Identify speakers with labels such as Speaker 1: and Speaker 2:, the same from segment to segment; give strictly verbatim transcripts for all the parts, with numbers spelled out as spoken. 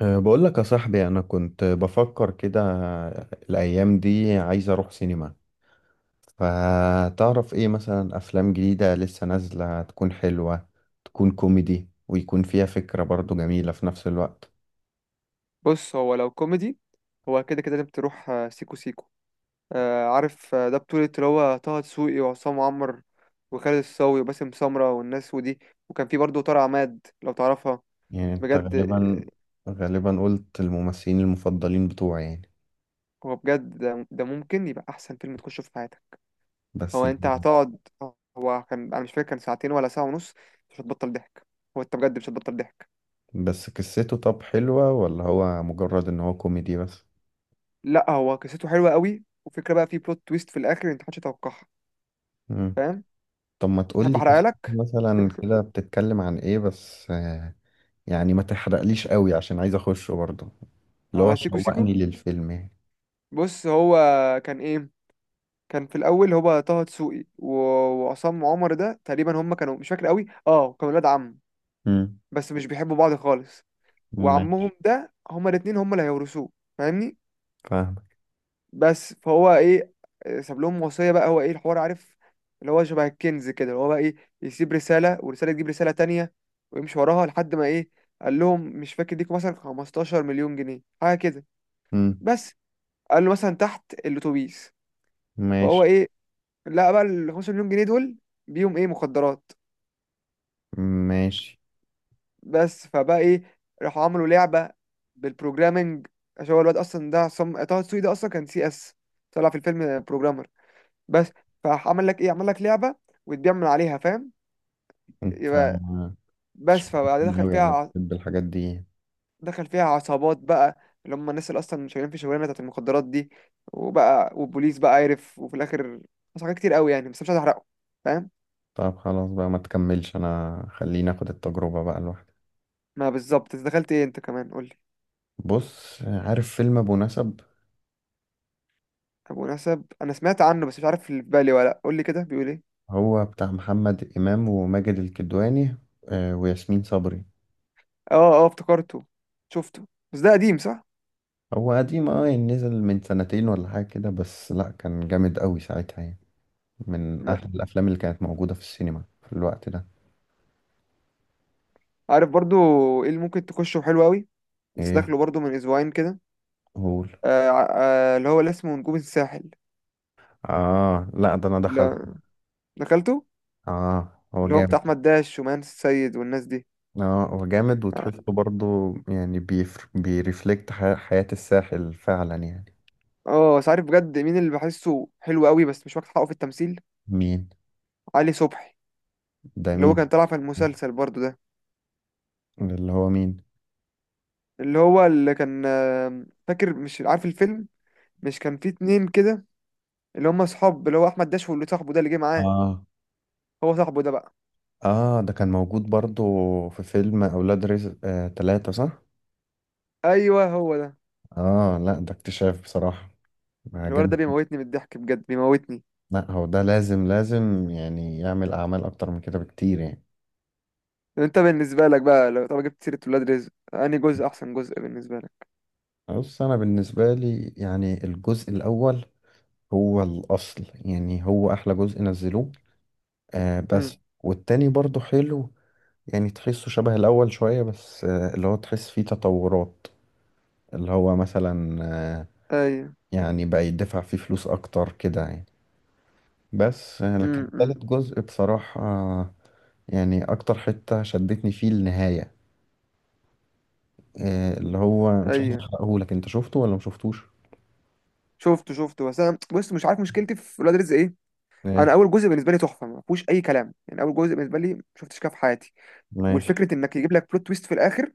Speaker 1: أه، بقول لك يا صاحبي، انا كنت بفكر كده الايام دي عايز اروح سينما. فتعرف ايه مثلا افلام جديدة لسه نازلة تكون حلوة، تكون كوميدي ويكون فيها فكرة برضو جميلة في نفس الوقت؟
Speaker 2: بص، هو لو كوميدي هو كده كده لازم تروح آه، سيكو سيكو. آه، عارف، آه، ده بطولة اللي هو طه دسوقي وعصام عمر وخالد الصاوي وباسم سمرة والناس ودي، وكان في برضه طارق عماد لو تعرفها.
Speaker 1: يعني انت
Speaker 2: بجد
Speaker 1: غالبا
Speaker 2: آه،
Speaker 1: غالبا قلت الممثلين المفضلين بتوعي يعني.
Speaker 2: هو بجد ده ده ممكن يبقى أحسن فيلم تخشه في حياتك.
Speaker 1: بس
Speaker 2: هو
Speaker 1: ال...
Speaker 2: أنت هتقعد، هو كان أنا مش فاكر كان ساعتين ولا ساعة ونص. مش هتبطل ضحك، هو أنت بجد مش هتبطل ضحك.
Speaker 1: بس قصته طب حلوة ولا هو مجرد ان هو كوميدي بس؟
Speaker 2: لأ هو قصته حلوة قوي، وفكرة بقى في بلوت تويست في الآخر أنت محدش يتوقعها.
Speaker 1: مم.
Speaker 2: فاهم؟
Speaker 1: طب ما
Speaker 2: تحب
Speaker 1: تقولي
Speaker 2: أحرقها
Speaker 1: قصته
Speaker 2: لك؟
Speaker 1: مثلا كده بتتكلم عن ايه بس. يعني ما تحرقليش قوي عشان عايز اخشه برضه، اللي هو
Speaker 2: على سيكو سيكو،
Speaker 1: شوقني للفيلم يعني.
Speaker 2: بص هو كان ايه، كان في الاول هو طه دسوقي و- وعصام عمر، ده تقريبا هم كانوا مش فاكر قوي، اه كانوا ولاد عم
Speaker 1: امم.
Speaker 2: بس مش بيحبوا بعض خالص، وعمهم
Speaker 1: ماشي.
Speaker 2: ده هما الاتنين هما اللي هيورثوه. فاهمني؟
Speaker 1: فاهمك.
Speaker 2: بس فهو ايه، ساب لهم وصية بقى، هو ايه الحوار عارف، اللي هو شبه الكنز كده، اللي هو بقى ايه، يسيب رسالة والرسالة تجيب رسالة تانية ويمشي وراها لحد ما ايه، قال لهم مش فاكر ليكوا مثلا خمستاشر مليون جنيه مليون جنيه حاجة كده،
Speaker 1: امم.
Speaker 2: بس قال له مثلا تحت الاتوبيس. فهو
Speaker 1: ماشي.
Speaker 2: ايه، لا بقى ال خمسة مليون جنيه مليون جنيه دول بيهم ايه، مخدرات.
Speaker 1: ماشي.
Speaker 2: بس فبقى ايه، راحوا عملوا لعبة بالبروجرامنج، عشان هو الواد اصلا ده عصام طه دسوقي ده اصلا كان سي اس، طلع في الفيلم بروجرامر. بس فعمل لك ايه، عمل لك لعبة وتبيع من عليها، فاهم؟
Speaker 1: انت
Speaker 2: يبقى
Speaker 1: أنت
Speaker 2: بس فبعد
Speaker 1: شوقتني
Speaker 2: دخل
Speaker 1: قوي،
Speaker 2: فيها
Speaker 1: انا
Speaker 2: ع-
Speaker 1: بحب الحاجات دي.
Speaker 2: دخل فيها عصابات بقى، اللي هم الناس اللي اصلا شغالين في الشغلانه بتاعت المخدرات دي، وبقى والبوليس بقى عارف، وفي الاخر حصل حاجات كتير قوي يعني، بس مش عايز احرقه، فاهم.
Speaker 1: طب خلاص بقى ما تكملش، انا خليني اخد التجربة بقى لوحدي.
Speaker 2: ما بالظبط انت دخلت ايه، انت كمان قول لي.
Speaker 1: بص، عارف فيلم ابو نسب؟
Speaker 2: طب مناسب، انا سمعت عنه بس مش عارف اللي في بالي ولا لأ، قول لي كده بيقول ايه.
Speaker 1: هو بتاع محمد امام وماجد الكدواني آه، وياسمين صبري.
Speaker 2: اه اه افتكرته، شفته بس ده قديم صح.
Speaker 1: هو قديم اه يعني نزل من سنتين ولا حاجة كده، بس لا كان جامد قوي ساعتها يعني، من
Speaker 2: ما
Speaker 1: أحلى الأفلام اللي كانت موجودة في السينما في الوقت ده.
Speaker 2: عارف برضو ايه اللي ممكن تخشه حلو قوي، بس
Speaker 1: إيه؟
Speaker 2: داخله برضو من اسبوعين كده،
Speaker 1: قول.
Speaker 2: آه ع- آه اللي هو اللي اسمه نجوم الساحل،
Speaker 1: آه، لا ده أنا دخلت.
Speaker 2: اللي دخلته،
Speaker 1: آه، هو
Speaker 2: اللي هو
Speaker 1: جامد.
Speaker 2: بتاع احمد داش ومان السيد والناس دي.
Speaker 1: آه، هو جامد
Speaker 2: اه،
Speaker 1: وتحسه برضه يعني بيفر... بيرفلكت ح... حياة الساحل فعلا يعني.
Speaker 2: آه، بس عارف بجد مين اللي بحسه حلو قوي بس مش واخد حقه في التمثيل؟
Speaker 1: مين
Speaker 2: علي صبحي،
Speaker 1: ده؟
Speaker 2: اللي هو كان
Speaker 1: مين؟
Speaker 2: طالع في المسلسل برضو ده،
Speaker 1: اللي هو مين؟
Speaker 2: اللي هو اللي كان آه، فاكر مش عارف الفيلم، مش كان فيه اتنين كده، اللي هم اصحاب اللي هو احمد داش، واللي صاحبه ده اللي جه معاه.
Speaker 1: آه.
Speaker 2: هو صاحبه ده بقى.
Speaker 1: آه، ده كان موجود برضه في فيلم أولاد رزق آه تلاتة، صح؟
Speaker 2: ايوه هو ده،
Speaker 1: آه، لا ده اكتشاف بصراحة،
Speaker 2: الولد
Speaker 1: عجبني.
Speaker 2: ده بيموتني من الضحك بجد بيموتني.
Speaker 1: لا هو ده لازم لازم يعني يعمل أعمال أكتر من كده بكتير يعني.
Speaker 2: انت بالنسبه لك بقى لو طب جبت سيره ولاد رزق انهي جزء احسن جزء بالنسبه لك؟
Speaker 1: بص، انا بالنسبه لي يعني الجزء الاول هو الاصل، يعني هو احلى جزء نزلوه. آه
Speaker 2: امم.
Speaker 1: بس والتاني برضو حلو، يعني تحسه شبه الاول شويه، بس آه اللي هو تحس فيه تطورات، اللي هو مثلا، آه
Speaker 2: ايوه.
Speaker 1: يعني بقى يدفع فيه فلوس اكتر كده يعني. بس آه لكن
Speaker 2: امم.
Speaker 1: تالت جزء بصراحه آه يعني اكتر حته شدتني فيه النهايه. آه اللي هو مش عايز
Speaker 2: ايوه،
Speaker 1: احرقهولك، انت شفته ولا مشفتوش؟
Speaker 2: شفته شفته بس انا بص مش عارف مشكلتي في ولاد رزق ايه.
Speaker 1: آه،
Speaker 2: انا اول جزء بالنسبه لي تحفه، ما فيهوش اي كلام، يعني اول جزء بالنسبه لي ما شفتش كده في حياتي.
Speaker 1: ماشي.
Speaker 2: والفكره انك يجيب لك بلوت تويست في الاخر،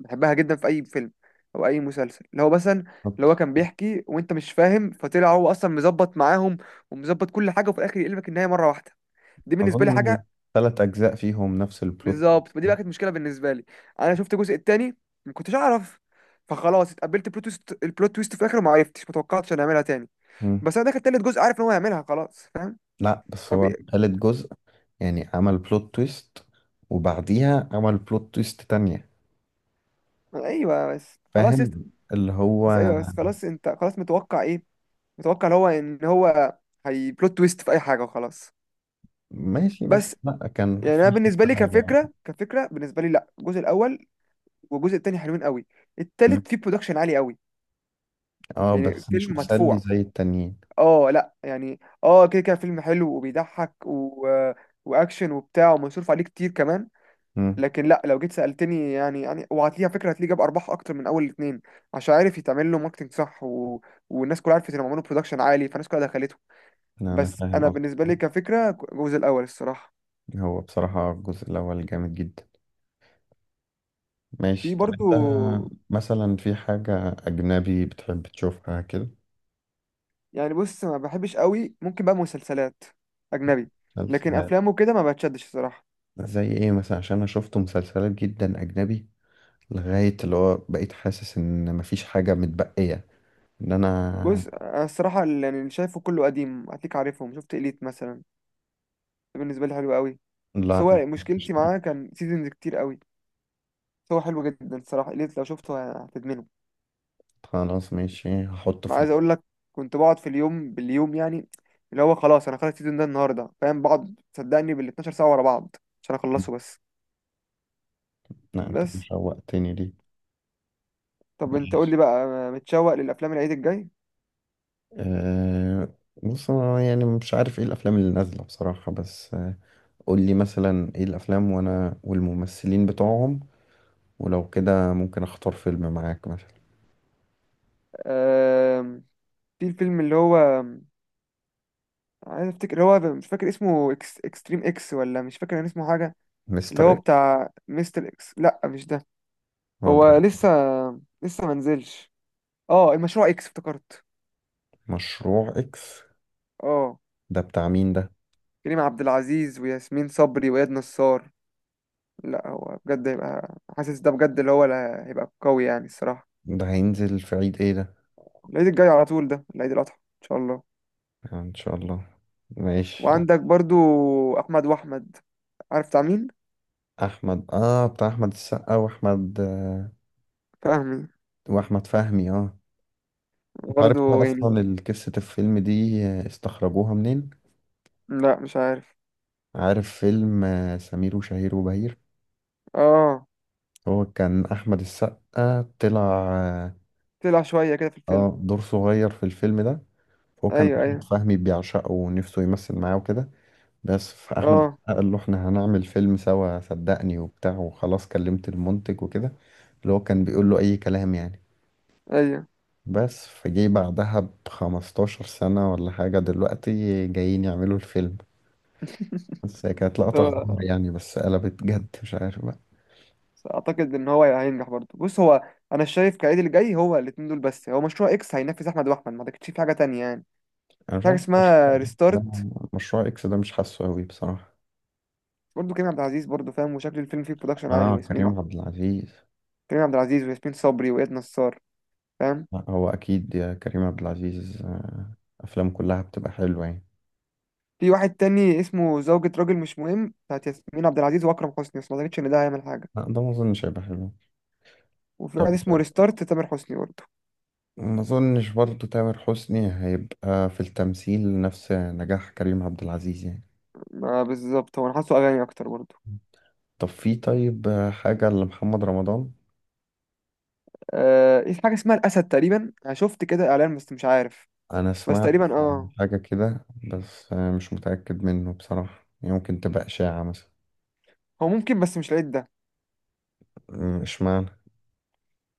Speaker 2: بحبها جدا في اي فيلم او اي مسلسل، اللي هو مثلا، اللي هو كان بيحكي وانت مش فاهم، فطلع هو اصلا مظبط معاهم ومظبط كل حاجه، وفي الاخر يقلبك النهايه مره واحده، دي بالنسبه لي
Speaker 1: أظن
Speaker 2: حاجه.
Speaker 1: ثلاث أجزاء فيهم نفس البلوت.
Speaker 2: بالظبط، ما دي بقى كانت مشكله بالنسبه لي، انا شفت الجزء التاني ما كنتش اعرف، فخلاص اتقبلت البلوت تويست، البلوت تويست في الاخر وما عرفتش ما توقعتش انا هعملها تاني.
Speaker 1: مم.
Speaker 2: بس انا داخل تالت جزء عارف ان هو هيعملها خلاص، فاهم.
Speaker 1: لا بس
Speaker 2: طب
Speaker 1: هو
Speaker 2: إيه؟
Speaker 1: تالت جزء يعني عمل بلوت تويست وبعديها عمل بلوت تويست تانية.
Speaker 2: ايوه بس خلاص يست...
Speaker 1: فاهم اللي هو.
Speaker 2: بس ايوه بس خلاص، انت خلاص متوقع ايه، متوقع اللي هو ان هو هي بلوت تويست في اي حاجه وخلاص.
Speaker 1: ماشي بس
Speaker 2: بس
Speaker 1: لا كان
Speaker 2: يعني انا
Speaker 1: في
Speaker 2: بالنسبه
Speaker 1: فكرة
Speaker 2: لي
Speaker 1: حلوة.
Speaker 2: كفكره، كفكره بالنسبه لي لا الجزء الاول والجزء التاني حلوين قوي،
Speaker 1: مم.
Speaker 2: التالت فيه برودكشن عالي قوي،
Speaker 1: اه
Speaker 2: يعني
Speaker 1: بس مش
Speaker 2: فيلم
Speaker 1: مسلي
Speaker 2: مدفوع.
Speaker 1: زي التانيين.
Speaker 2: اه لا يعني اه كده كده فيلم حلو وبيضحك و... واكشن وبتاع، ومصروف عليه كتير كمان.
Speaker 1: مم.
Speaker 2: لكن لا لو جيت سالتني يعني، يعني وهتلاقيها فكره هتلاقيه جاب ارباح اكتر من اول الاثنين، عشان عارف يتعمل له ماركتنج صح و... والناس كلها عرفت انهم عملوا برودكشن عالي فالناس كلها دخلته.
Speaker 1: لا أنا
Speaker 2: بس
Speaker 1: فاهم
Speaker 2: انا
Speaker 1: قصدي.
Speaker 2: بالنسبه لي كفكره، الجزء الاول الصراحه.
Speaker 1: هو بصراحة الجزء الأول جامد جدا.
Speaker 2: في
Speaker 1: ماشي. طب
Speaker 2: برضو،
Speaker 1: أنت مثلا في حاجة أجنبي بتحب تشوفها كده؟
Speaker 2: يعني بص ما بحبش قوي، ممكن بقى مسلسلات اجنبي، لكن
Speaker 1: مسلسلات؟
Speaker 2: افلامه كده ما بتشدش الصراحه.
Speaker 1: زي ايه مثلا؟ عشان انا شفت مسلسلات جدا اجنبي لغاية اللي هو بقيت حاسس ان مفيش حاجة متبقية، ان انا.
Speaker 2: بص أنا الصراحه اللي يعني اللي شايفه كله قديم، هتلاقيك عارفهم، شفت إليت مثلا ده بالنسبه لي حلو قوي، بس
Speaker 1: لا،
Speaker 2: هو
Speaker 1: مفيش
Speaker 2: مشكلتي
Speaker 1: دي.
Speaker 2: معاه كان سيزونز كتير قوي. بس هو حلو جدا الصراحه، إليت لو شفته هتدمنه،
Speaker 1: خلاص، ماشي هحطه
Speaker 2: ما
Speaker 1: في
Speaker 2: عايز
Speaker 1: ال-
Speaker 2: اقول لك كنت بقعد في اليوم باليوم يعني، اللي هو خلاص انا خلاص السيزون ده النهارده فاهم، بقعد صدقني بال اثنا عشر ساعة ساعه ورا بعض عشان اخلصه بس.
Speaker 1: لا انت كده
Speaker 2: بس
Speaker 1: شوقتني ليه.
Speaker 2: طب انت قول
Speaker 1: ماشي.
Speaker 2: لي بقى، متشوق للافلام العيد الجاي؟
Speaker 1: أه، بص انا يعني مش عارف ايه الافلام اللي نازلة بصراحة، بس آه، قول لي مثلا ايه الافلام وانا والممثلين بتوعهم، ولو كده ممكن اختار فيلم معاك مثلا.
Speaker 2: أه، في الفيلم اللي هو عايز افتكر، اللي هو مش فاكر اسمه، إكس... اكستريم اكس ولا مش فاكر كان اسمه حاجه، اللي
Speaker 1: مستر
Speaker 2: هو
Speaker 1: اكس؟
Speaker 2: بتاع مستر اكس، لا مش ده،
Speaker 1: هو
Speaker 2: هو
Speaker 1: ده.
Speaker 2: لسه، لسه ما نزلش. اه المشروع اكس افتكرت.
Speaker 1: مشروع اكس
Speaker 2: اه،
Speaker 1: ده بتاع مين ده؟
Speaker 2: كريم عبد العزيز وياسمين صبري واياد نصار. لا هو بجد هيبقى حاسس ده بجد، اللي هو اللي هيبقى قوي يعني الصراحه.
Speaker 1: ده هينزل في عيد ايه ده؟
Speaker 2: العيد الجاي على طول، ده العيد الاضحى ان شاء الله.
Speaker 1: آه، ان شاء الله. ماشي.
Speaker 2: وعندك برضو احمد واحمد، عارف بتاع مين؟
Speaker 1: احمد، اه بتاع احمد السقا واحمد آه،
Speaker 2: فاهمي،
Speaker 1: واحمد فهمي اه انت عارف ده
Speaker 2: برضو يعني.
Speaker 1: اصلا ال- قصة الفيلم دي آه، استخرجوها منين؟
Speaker 2: لا مش عارف.
Speaker 1: عارف فيلم آه، سمير وشهير وبهير؟
Speaker 2: اه
Speaker 1: هو كان احمد السقا طلع اه
Speaker 2: طلع شوية كده في الفيلم.
Speaker 1: آه، دور صغير في الفيلم ده. هو كان
Speaker 2: أيوه
Speaker 1: احمد
Speaker 2: أيوه.
Speaker 1: فهمي بيعشقه ونفسه يمثل معاه وكده، بس فاحمد
Speaker 2: أه.
Speaker 1: السقا قال له احنا هنعمل فيلم سوا صدقني وبتاع، وخلاص كلمت المنتج وكده، اللي هو كان بيقول له أي كلام يعني.
Speaker 2: أيوه.
Speaker 1: بس فجي بعدها بخمستاشر سنة ولا حاجة، دلوقتي جايين يعملوا الفيلم. بس هي كانت لقطة غدار
Speaker 2: هو
Speaker 1: يعني، بس قلبت جد مش عارف بقى.
Speaker 2: أعتقد إن هو هينجح برضه. بص هو، أنا شايف كعيد اللي جاي هو الاتنين دول بس، هو مشروع إكس هينافس أحمد وأحمد، ما أعتقدش في حاجة تانية يعني.
Speaker 1: أنا مش
Speaker 2: في حاجة
Speaker 1: عارف مشروع.
Speaker 2: اسمها
Speaker 1: ده
Speaker 2: ريستارت،
Speaker 1: مشروع إكس ده مش حاسه أوي بصراحة.
Speaker 2: برضه كريم عبد العزيز، برضه فاهم، وشكل الفيلم فيه برودكشن عالي،
Speaker 1: آه،
Speaker 2: وياسمين،
Speaker 1: كريم عبد العزيز.
Speaker 2: كريم عبد العزيز وياسمين صبري وإياد نصار، فاهم.
Speaker 1: لا هو أكيد يا كريم عبد العزيز آه، أفلام كلها بتبقى حلوة يعني.
Speaker 2: في واحد تاني اسمه زوجة راجل مش مهم، بتاعت ياسمين عبد العزيز وأكرم حسني، بس ما أعتقدش إن ده هيعمل حاجة.
Speaker 1: لا ده ما أظنش هيبقى حلو.
Speaker 2: وفي
Speaker 1: طب
Speaker 2: واحد اسمه ريستارت تامر حسني برضه،
Speaker 1: ما أظنش برضه تامر حسني هيبقى في التمثيل نفس نجاح كريم عبد العزيز يعني.
Speaker 2: ما بالظبط هو أنا حاسه أغاني أكتر برضه.
Speaker 1: طب في طيب آه، حاجة لمحمد رمضان؟
Speaker 2: آه، في حاجة اسمها الأسد تقريبا، أنا شفت كده إعلان بس مش عارف،
Speaker 1: أنا
Speaker 2: بس
Speaker 1: سمعت
Speaker 2: تقريبا اه.
Speaker 1: حاجة كده، بس آه، مش متأكد منه بصراحة، يمكن تبقى إشاعة مثلا.
Speaker 2: هو ممكن، بس مش العيد ده،
Speaker 1: م- إشمعنى؟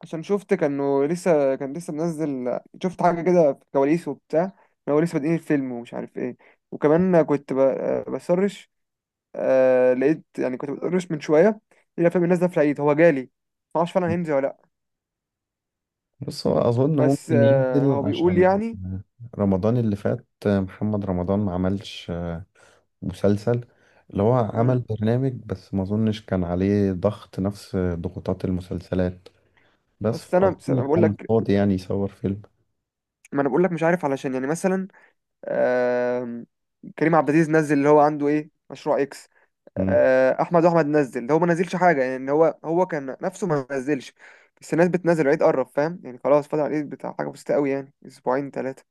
Speaker 2: عشان شفت كانه لسه، كان لسه منزل، شفت حاجة كده في الكواليس وبتاع، إن هو لسه بادئين الفيلم ومش عارف ايه. وكمان كنت ب- آه، بسرش، آه لقيت، يعني كنت بسرش من شوية إيه الأفلام اللي نازلة في العيد، هو جالي، معرفش فعلا هينزل ولا لأ.
Speaker 1: بص، هو أظن
Speaker 2: بس
Speaker 1: ممكن
Speaker 2: آه
Speaker 1: ينزل
Speaker 2: هو بيقول
Speaker 1: عشان
Speaker 2: يعني.
Speaker 1: رمضان اللي فات آه، محمد رمضان ما عملش آه، مسلسل. اللي هو عمل
Speaker 2: مم.
Speaker 1: برنامج بس ما أظنش كان عليه ضغط نفس ضغوطات المسلسلات، بس
Speaker 2: بس أنا بس
Speaker 1: أظن
Speaker 2: أنا بقول
Speaker 1: كان
Speaker 2: لك،
Speaker 1: فاضي يعني يصور فيلم.
Speaker 2: ما أنا بقول لك مش عارف، علشان يعني مثلا آم، كريم عبد العزيز نزل اللي هو عنده ايه، مشروع اكس، آه، احمد احمد نزل، ده هو ما نزلش حاجه يعني، إن هو هو كان نفسه ما نزلش، بس الناس بتنزل العيد قرب فاهم يعني، خلاص فاضل على العيد بتاع حاجه بسيطه قوي يعني اسبوعين ثلاثه.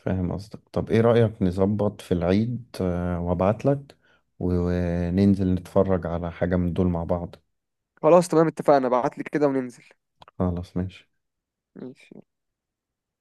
Speaker 1: فاهم قصدك. طب ايه رأيك نظبط في العيد آه، وابعتلك وننزل نتفرج على حاجة من دول مع بعض؟
Speaker 2: خلاص تمام اتفقنا، ابعت لي كده وننزل.
Speaker 1: خلاص ماشي.
Speaker 2: ماشي.